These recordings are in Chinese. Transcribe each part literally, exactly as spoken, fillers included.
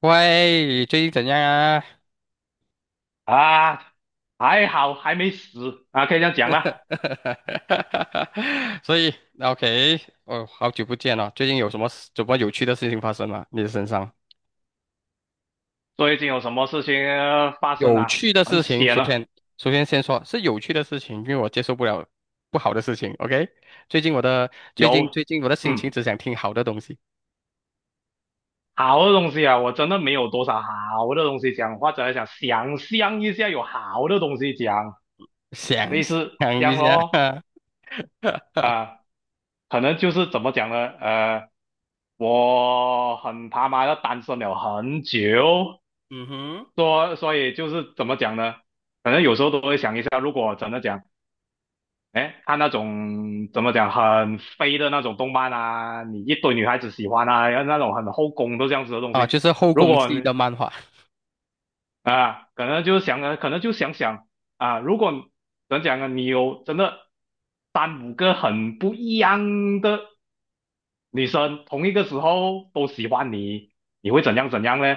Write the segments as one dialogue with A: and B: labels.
A: 喂，最近怎样啊？
B: 啊，还好还没死啊，可以这样讲啦。
A: 所以，OK，哦，好久不见了，最近有什么什么有趣的事情发生吗？你的身上
B: 最近有什么事情呃发生
A: 有
B: 啊？
A: 趣的
B: 很
A: 事情，
B: 险
A: 首
B: 啊，
A: 先，首先先说是有趣的事情，因为我接受不了不好的事情。OK，最近我的最近
B: 有，
A: 最近我的心情
B: 嗯，
A: 只想听好的东西，
B: 好的东西啊，我真的没有多少好的东西讲，或者想想象一下有好的东西讲，
A: 想
B: 类似这
A: 想
B: 样
A: 一下，
B: 咯。啊，可能就是怎么讲呢？呃，我很他妈的单身了很久，
A: 嗯哼。
B: 所所以就是怎么讲呢？可能有时候都会想一下，如果真的讲。哎，看那种怎么讲很飞的那种动漫啊，你一堆女孩子喜欢啊，然后那种很后宫都这样子的东
A: 啊，
B: 西。
A: 就是后
B: 如
A: 宫
B: 果
A: 系
B: 你
A: 的漫画。
B: 啊，可能就想啊，可能就想想啊，如果怎么讲啊，你有真的三五个很不一样的女生，同一个时候都喜欢你，你会怎样怎样呢？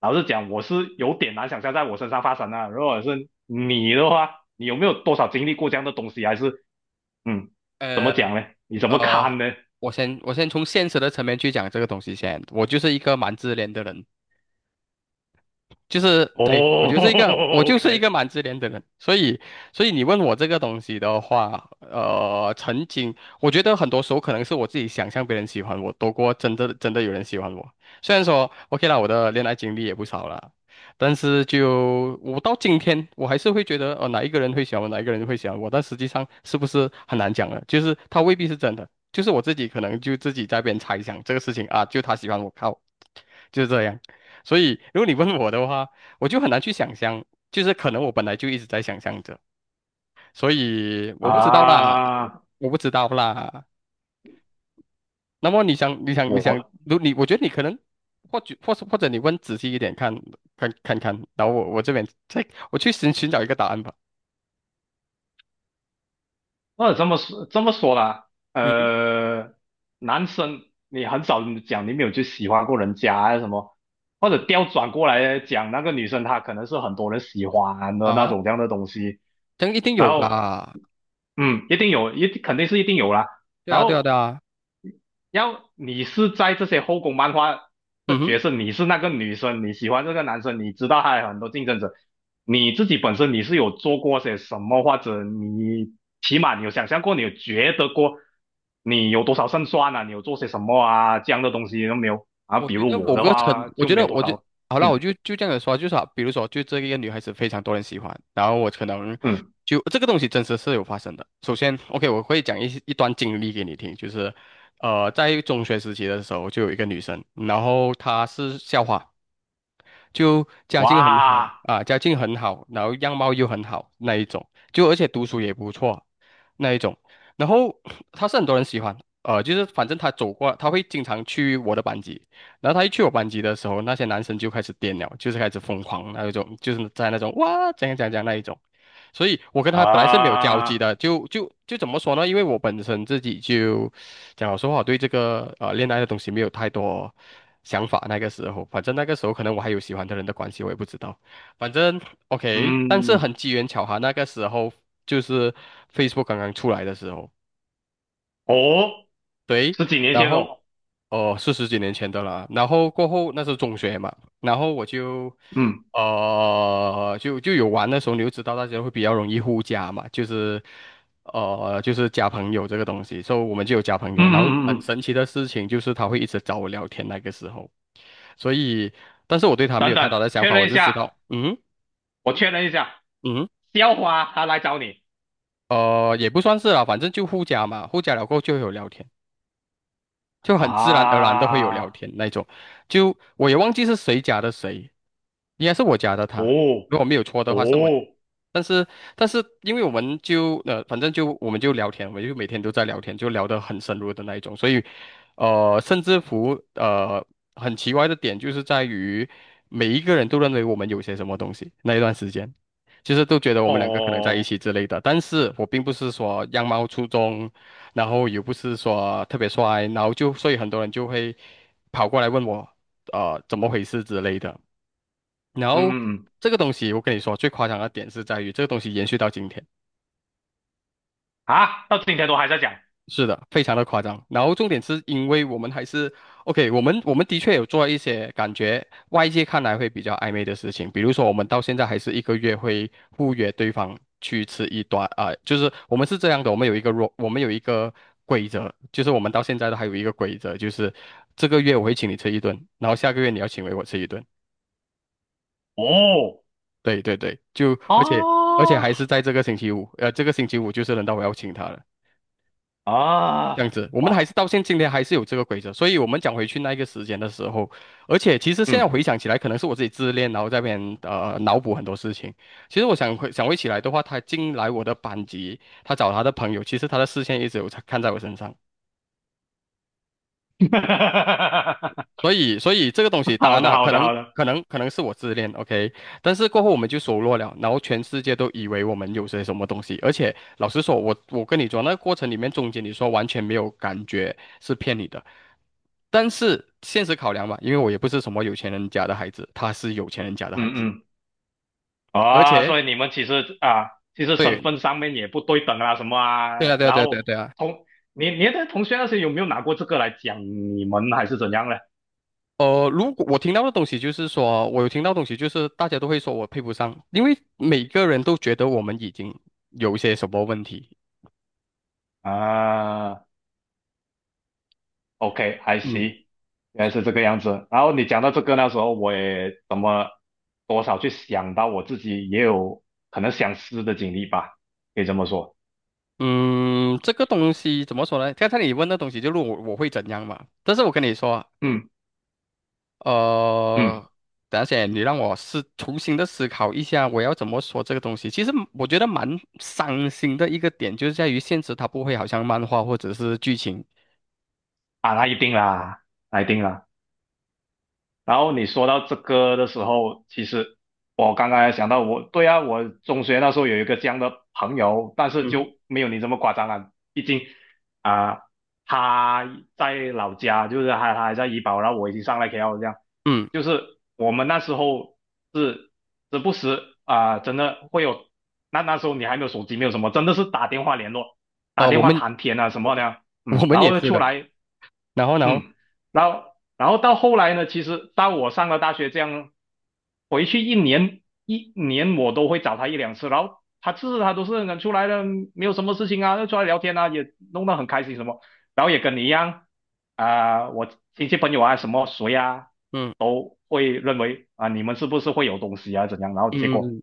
B: 老实讲，我是有点难想象在我身上发生啊。如果是你的话，你有没有多少经历过这样的东西？还是嗯，怎
A: 呃。
B: 么讲呢？你怎么
A: 呃，
B: 看呢？
A: 我先我先从现实的层面去讲这个东西先。我就是一个蛮自恋的人，就是对，我
B: 哦
A: 就是一个我 就是一
B: ，OK
A: 个蛮自恋的人，所以所以你问我这个东西的话，呃，曾经我觉得很多时候可能是我自己想象别人喜欢我多过真的真的有人喜欢我。虽然说 OK 啦，我的恋爱经历也不少了，但是就我到今天我还是会觉得，哦，哪一个人会喜欢我，哪一个人会喜欢我，但实际上是不是很难讲了？就是他未必是真的，就是我自己可能就自己在那边猜想这个事情啊，就他喜欢我靠，就是这样。所以，如果你问我的话，我就很难去想象，就是可能我本来就一直在想象着，所以我不知道啦，
B: 啊，
A: 我不知道啦。那么你想，你想，你想，
B: 我
A: 如你，我觉得你可能，或许，或是或者你问仔细一点看，看看看，然后我我这边再我去寻寻找一个答案吧。
B: 那这么说这么说啦，
A: 嗯哼。
B: 呃，男生你很少讲你没有去喜欢过人家啊什么，或者调转过来讲，那个女生她可能是很多人喜欢的那
A: 啊，
B: 种这样的东西，
A: 这样一定
B: 然
A: 有
B: 后
A: 吧？
B: 嗯，一定有，一定肯定是一定有啦，
A: 对
B: 然
A: 啊，对啊，对
B: 后
A: 啊。
B: 要你是在这些后宫漫画
A: 嗯
B: 的角色，
A: 哼。
B: 你是那个女生，你喜欢这个男生，你知道还有很多竞争者，你自己本身你是有做过些什么，或者你起码你有想象过，你有觉得过，你有多少胜算啊，你有做些什么啊，这样的东西都没有啊。
A: 我
B: 比
A: 觉得
B: 如我
A: 某
B: 的
A: 个程，
B: 话
A: 我
B: 就
A: 觉
B: 没
A: 得
B: 有多
A: 我就
B: 少，
A: 好了，我
B: 嗯
A: 就就这样子说，就是啊比如说，就这一个女孩子非常多人喜欢，然后我可能
B: 嗯，
A: 就这个东西真实是有发生的。首先，OK，我会讲一些一段经历给你听，就是呃，在中学时期的时候，就有一个女生，然后她是校花，就家境很好
B: 哇
A: 啊，家境很好，然后样貌又很好那一种，就而且读书也不错那一种，然后他是很多人喜欢。呃，就是反正他走过，他会经常去我的班级，然后他一去我班级的时候，那些男生就开始癫了，就是开始疯狂那一种，就是在那种哇怎样怎样怎样那一种。所以我跟他本来是没有交集
B: 啊，
A: 的，就就就怎么说呢？因为我本身自己就讲老实话，我对这个呃恋爱的东西没有太多想法。那个时候，反正那个时候可能我还有喜欢的人的关系，我也不知道。反正 OK，但是很
B: 嗯
A: 机缘巧合，那个时候就是 Facebook 刚刚出来的时候。
B: 哦，
A: 对。
B: 十几年
A: 然
B: 前哦，
A: 后哦，是十几年前的了。然后过后那是中学嘛，然后我就
B: 嗯
A: 呃就就有玩的时候，你就知道大家会比较容易互加嘛，就是呃就是加朋友这个东西，所以我们就有加朋
B: 嗯
A: 友。然后
B: 嗯嗯
A: 很
B: 嗯，
A: 神奇的事情就是他会一直找我聊天那个时候，所以但是我对他没
B: 等
A: 有太
B: 等，
A: 大的想
B: 确
A: 法，
B: 认
A: 我
B: 一
A: 就知
B: 下。
A: 道嗯。
B: 我确认一下，
A: 嗯，
B: 校花他来找你
A: 呃也不算是啦，反正就互加嘛，互加了过后就会有聊天。就很自然而然的会有聊
B: 啊？
A: 天那种。就我也忘记是谁加的谁，应该是我加的他，
B: 哦
A: 如果没有错的话是我。
B: 哦
A: 但是，但是，因为我们就呃，反正就我们就聊天，我们就每天都在聊天，就聊得很深入的那一种。所以，呃，甚至乎呃，很奇怪的点就是在于，每一个人都认为我们有些什么东西。那一段时间，就是都觉得我们两个可能在一
B: 哦，
A: 起之类的。但是我并不是说样貌出众，然后也不是说特别帅，然后就所以很多人就会跑过来问我，呃，怎么回事之类的。然后
B: 嗯嗯
A: 这个东西，我跟你说，最夸张的点是在于这个东西延续到今天，
B: 啊，到今天都还在讲
A: 是的，非常的夸张。然后重点是因为我们还是 OK,我们我们的确有做一些感觉外界看来会比较暧昧的事情，比如说我们到现在还是一个月会互约对方去吃一顿啊、就是我们是这样的，我们有一个若我们有一个规则，就是我们到现在都还有一个规则，就是这个月我会请你吃一顿，然后下个月你要请回我吃一顿。
B: 哦
A: 对对对，就而且而且还是
B: 啊
A: 在这个星期五，呃，这个星期五就是轮到我要请他了，这样
B: 啊
A: 子，我们还
B: 哇，
A: 是到现今天还是有这个规则，所以我们讲回去那个时间的时候，而且其实现在
B: 嗯，
A: 回想起来，可能是我自己自恋，然后在那边呃脑补很多事情。其实我想回想回起来的话，他进来我的班级，他找他的朋友，其实他的视线一直有在看在我身上。所以，所以这个东西，当
B: 好
A: 然
B: 的
A: 了，
B: 好
A: 可
B: 的
A: 能，
B: 好的，
A: 可能，可能是我自恋，OK，但是过后我们就熟络了，然后全世界都以为我们有些什么东西，而且老实说，我我跟你说，那个过程里面中间你说完全没有感觉是骗你的，但是现实考量嘛，因为我也不是什么有钱人家的孩子，他是有钱人家的孩子，
B: 嗯嗯
A: 而
B: 啊，
A: 且
B: 所以你们其实啊，其实
A: 对，
B: 身份上面也不对等啊什么啊，
A: 对啊，对啊，
B: 然
A: 对啊，
B: 后
A: 对啊，对啊。
B: 同你你的同学那些有没有拿过这个来讲你们还是怎样呢？
A: 呃，如果我听到的东西就是说，我有听到东西就是大家都会说我配不上，因为每个人都觉得我们已经有一些什么问题。
B: 啊。OK，I
A: 嗯
B: see，原来是这个样子。然后你讲到这个，那时候我也怎么多少去想到我自己也有可能想似的经历吧，可以这么说。
A: 嗯。这个东西怎么说呢？刚才你问的东西就是我我会怎样嘛？但是我跟你说，
B: 嗯嗯，
A: 呃，等一下先你让我思重新的思考一下，我要怎么说这个东西？其实我觉得蛮伤心的一个点，就是在于现实它不会好像漫画或者是剧情。
B: 啊，那一定啦，那一定啦。然后你说到这个的时候，其实我刚刚也想到我，对啊，我中学那时候有一个这样的朋友，但是
A: 嗯
B: 就没有你这么夸张啊。毕竟啊、他在老家，就是他他还在医保，然后我已经上来 K L 这样，
A: 嗯。
B: 就是我们那时候是时不时啊、真的会有，那那时候你还没有手机，没有什么，真的是打电话联络，打
A: 哦、
B: 电
A: 我
B: 话
A: 们
B: 谈天啊什么的，
A: 我
B: 嗯，
A: 们
B: 然
A: 也
B: 后
A: 是
B: 出
A: 的，
B: 来
A: 然后然后
B: 嗯，然后然后到后来呢，其实到我上了大学，这样回去一年一年我都会找他一两次，然后他次次他都是能出来的，没有什么事情啊，就出来聊天啊，也弄得很开心什么，然后也跟你一样啊、我亲戚朋友啊什么谁啊
A: 嗯
B: 都会认为啊、你们是不是会有东西啊怎样，然后结
A: 嗯嗯。
B: 果
A: 嗯。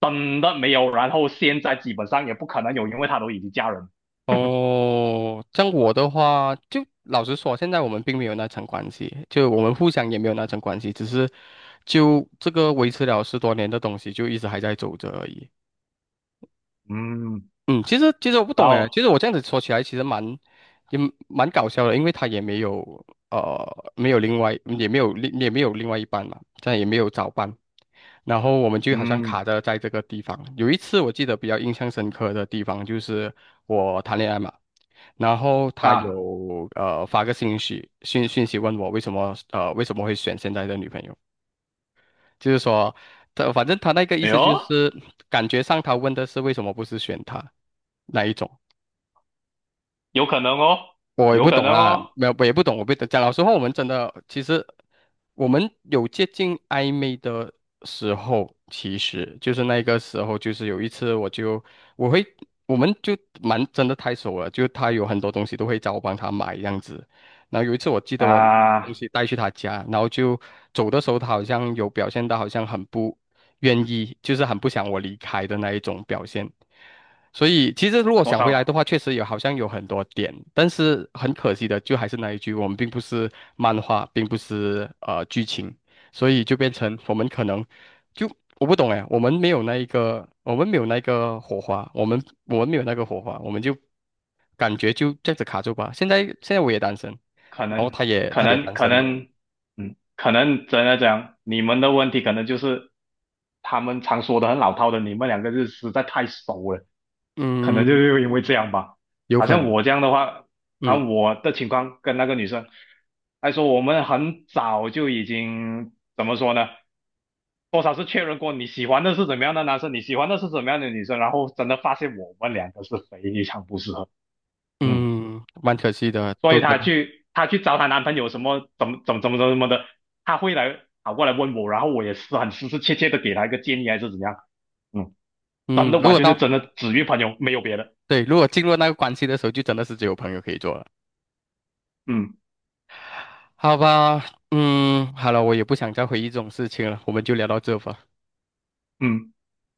B: 真的没有，然后现在基本上也不可能有，因为他都已经嫁人，
A: 哦，像我的话，就老实说，现在我们并没有那层关系，就我们互相也没有那层关系，只是就这个维持了十多年的东西，就一直还在走着而已。
B: 嗯，
A: 嗯，其实其实我不
B: 然
A: 懂哎，
B: 后
A: 其实我这样子说起来，其实蛮也蛮搞笑的，因为他也没有呃没有另外也没有另也没有另外一半嘛，这样也没有早班，然后我们就好像
B: 嗯
A: 卡着在这个地方。有一次我记得比较印象深刻的地方就是我谈恋爱嘛。然后他
B: 啊，
A: 有呃发个信息讯讯息问我为什么呃为什么会选现在的女朋友，就是说他反正他那个意
B: 哎
A: 思就
B: 呦。
A: 是感觉上他问的是为什么不是选他那一种，
B: 有可能哦，
A: 我也
B: 有
A: 不
B: 可
A: 懂
B: 能
A: 啦，
B: 哦，
A: 没有，我也不懂，我不懂。讲老实话，我们真的其实我们有接近暧昧的时候，其实就是那个时候，就是有一次我就我会我们就蛮真的太熟了，就他有很多东西都会找我帮他买这样子。然后有一次我记得我东
B: 啊，
A: 西带去他家，然后就走的时候，他好像有表现到好像很不愿意，就是很不想我离开的那一种表现。所以其实如果
B: 多
A: 想回来的
B: 少？
A: 话，确实有好像有很多点，但是很可惜的，就还是那一句，我们并不是漫画，并不是呃剧情，所以就变成我们可能就我不懂哎，我们没有那一个，我们没有那个火花，我们我们没有那个火花，我们就感觉就这样子卡住吧。现在现在我也单身，
B: 可
A: 然后
B: 能
A: 他也
B: 可
A: 他也
B: 能
A: 单
B: 可
A: 身嘛。
B: 能，嗯，可能真的讲，你们的问题可能就是他们常说的很老套的，你们两个是实在太熟了，可能就
A: 嗯，
B: 是因为这样吧。
A: 有
B: 好
A: 可能。
B: 像我这样的话，啊，
A: 嗯
B: 我的情况跟那个女生，还说我们很早就已经怎么说呢？多少是确认过你喜欢的是怎么样的男生，你喜欢的是怎么样的女生，然后真的发现我们两个是非常不适合，嗯。
A: 嗯，蛮可惜的，
B: 所
A: 都
B: 以
A: 真
B: 她
A: 的。
B: 去她去找她男朋友什么怎么怎么怎么怎么的，她会来跑过来问我，然后我也是很实实切切的给她一个建议还是怎样，嗯，真
A: 嗯，嗯
B: 的
A: 如
B: 完
A: 果
B: 全是
A: 到。
B: 真的只约朋友没有别的，
A: 对，如果进入那个关系的时候，就真的是只有朋友可以做了，
B: 嗯
A: 好吧？嗯，好了，我也不想再回忆这种事情了，我们就聊到这吧。
B: 嗯，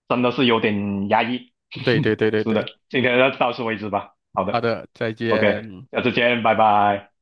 B: 真的是有点压抑，
A: 对对对 对
B: 是的，
A: 对。
B: 今天就到此为止吧，好
A: 好
B: 的
A: 的，再
B: ，OK，
A: 见。
B: 下次见，拜拜。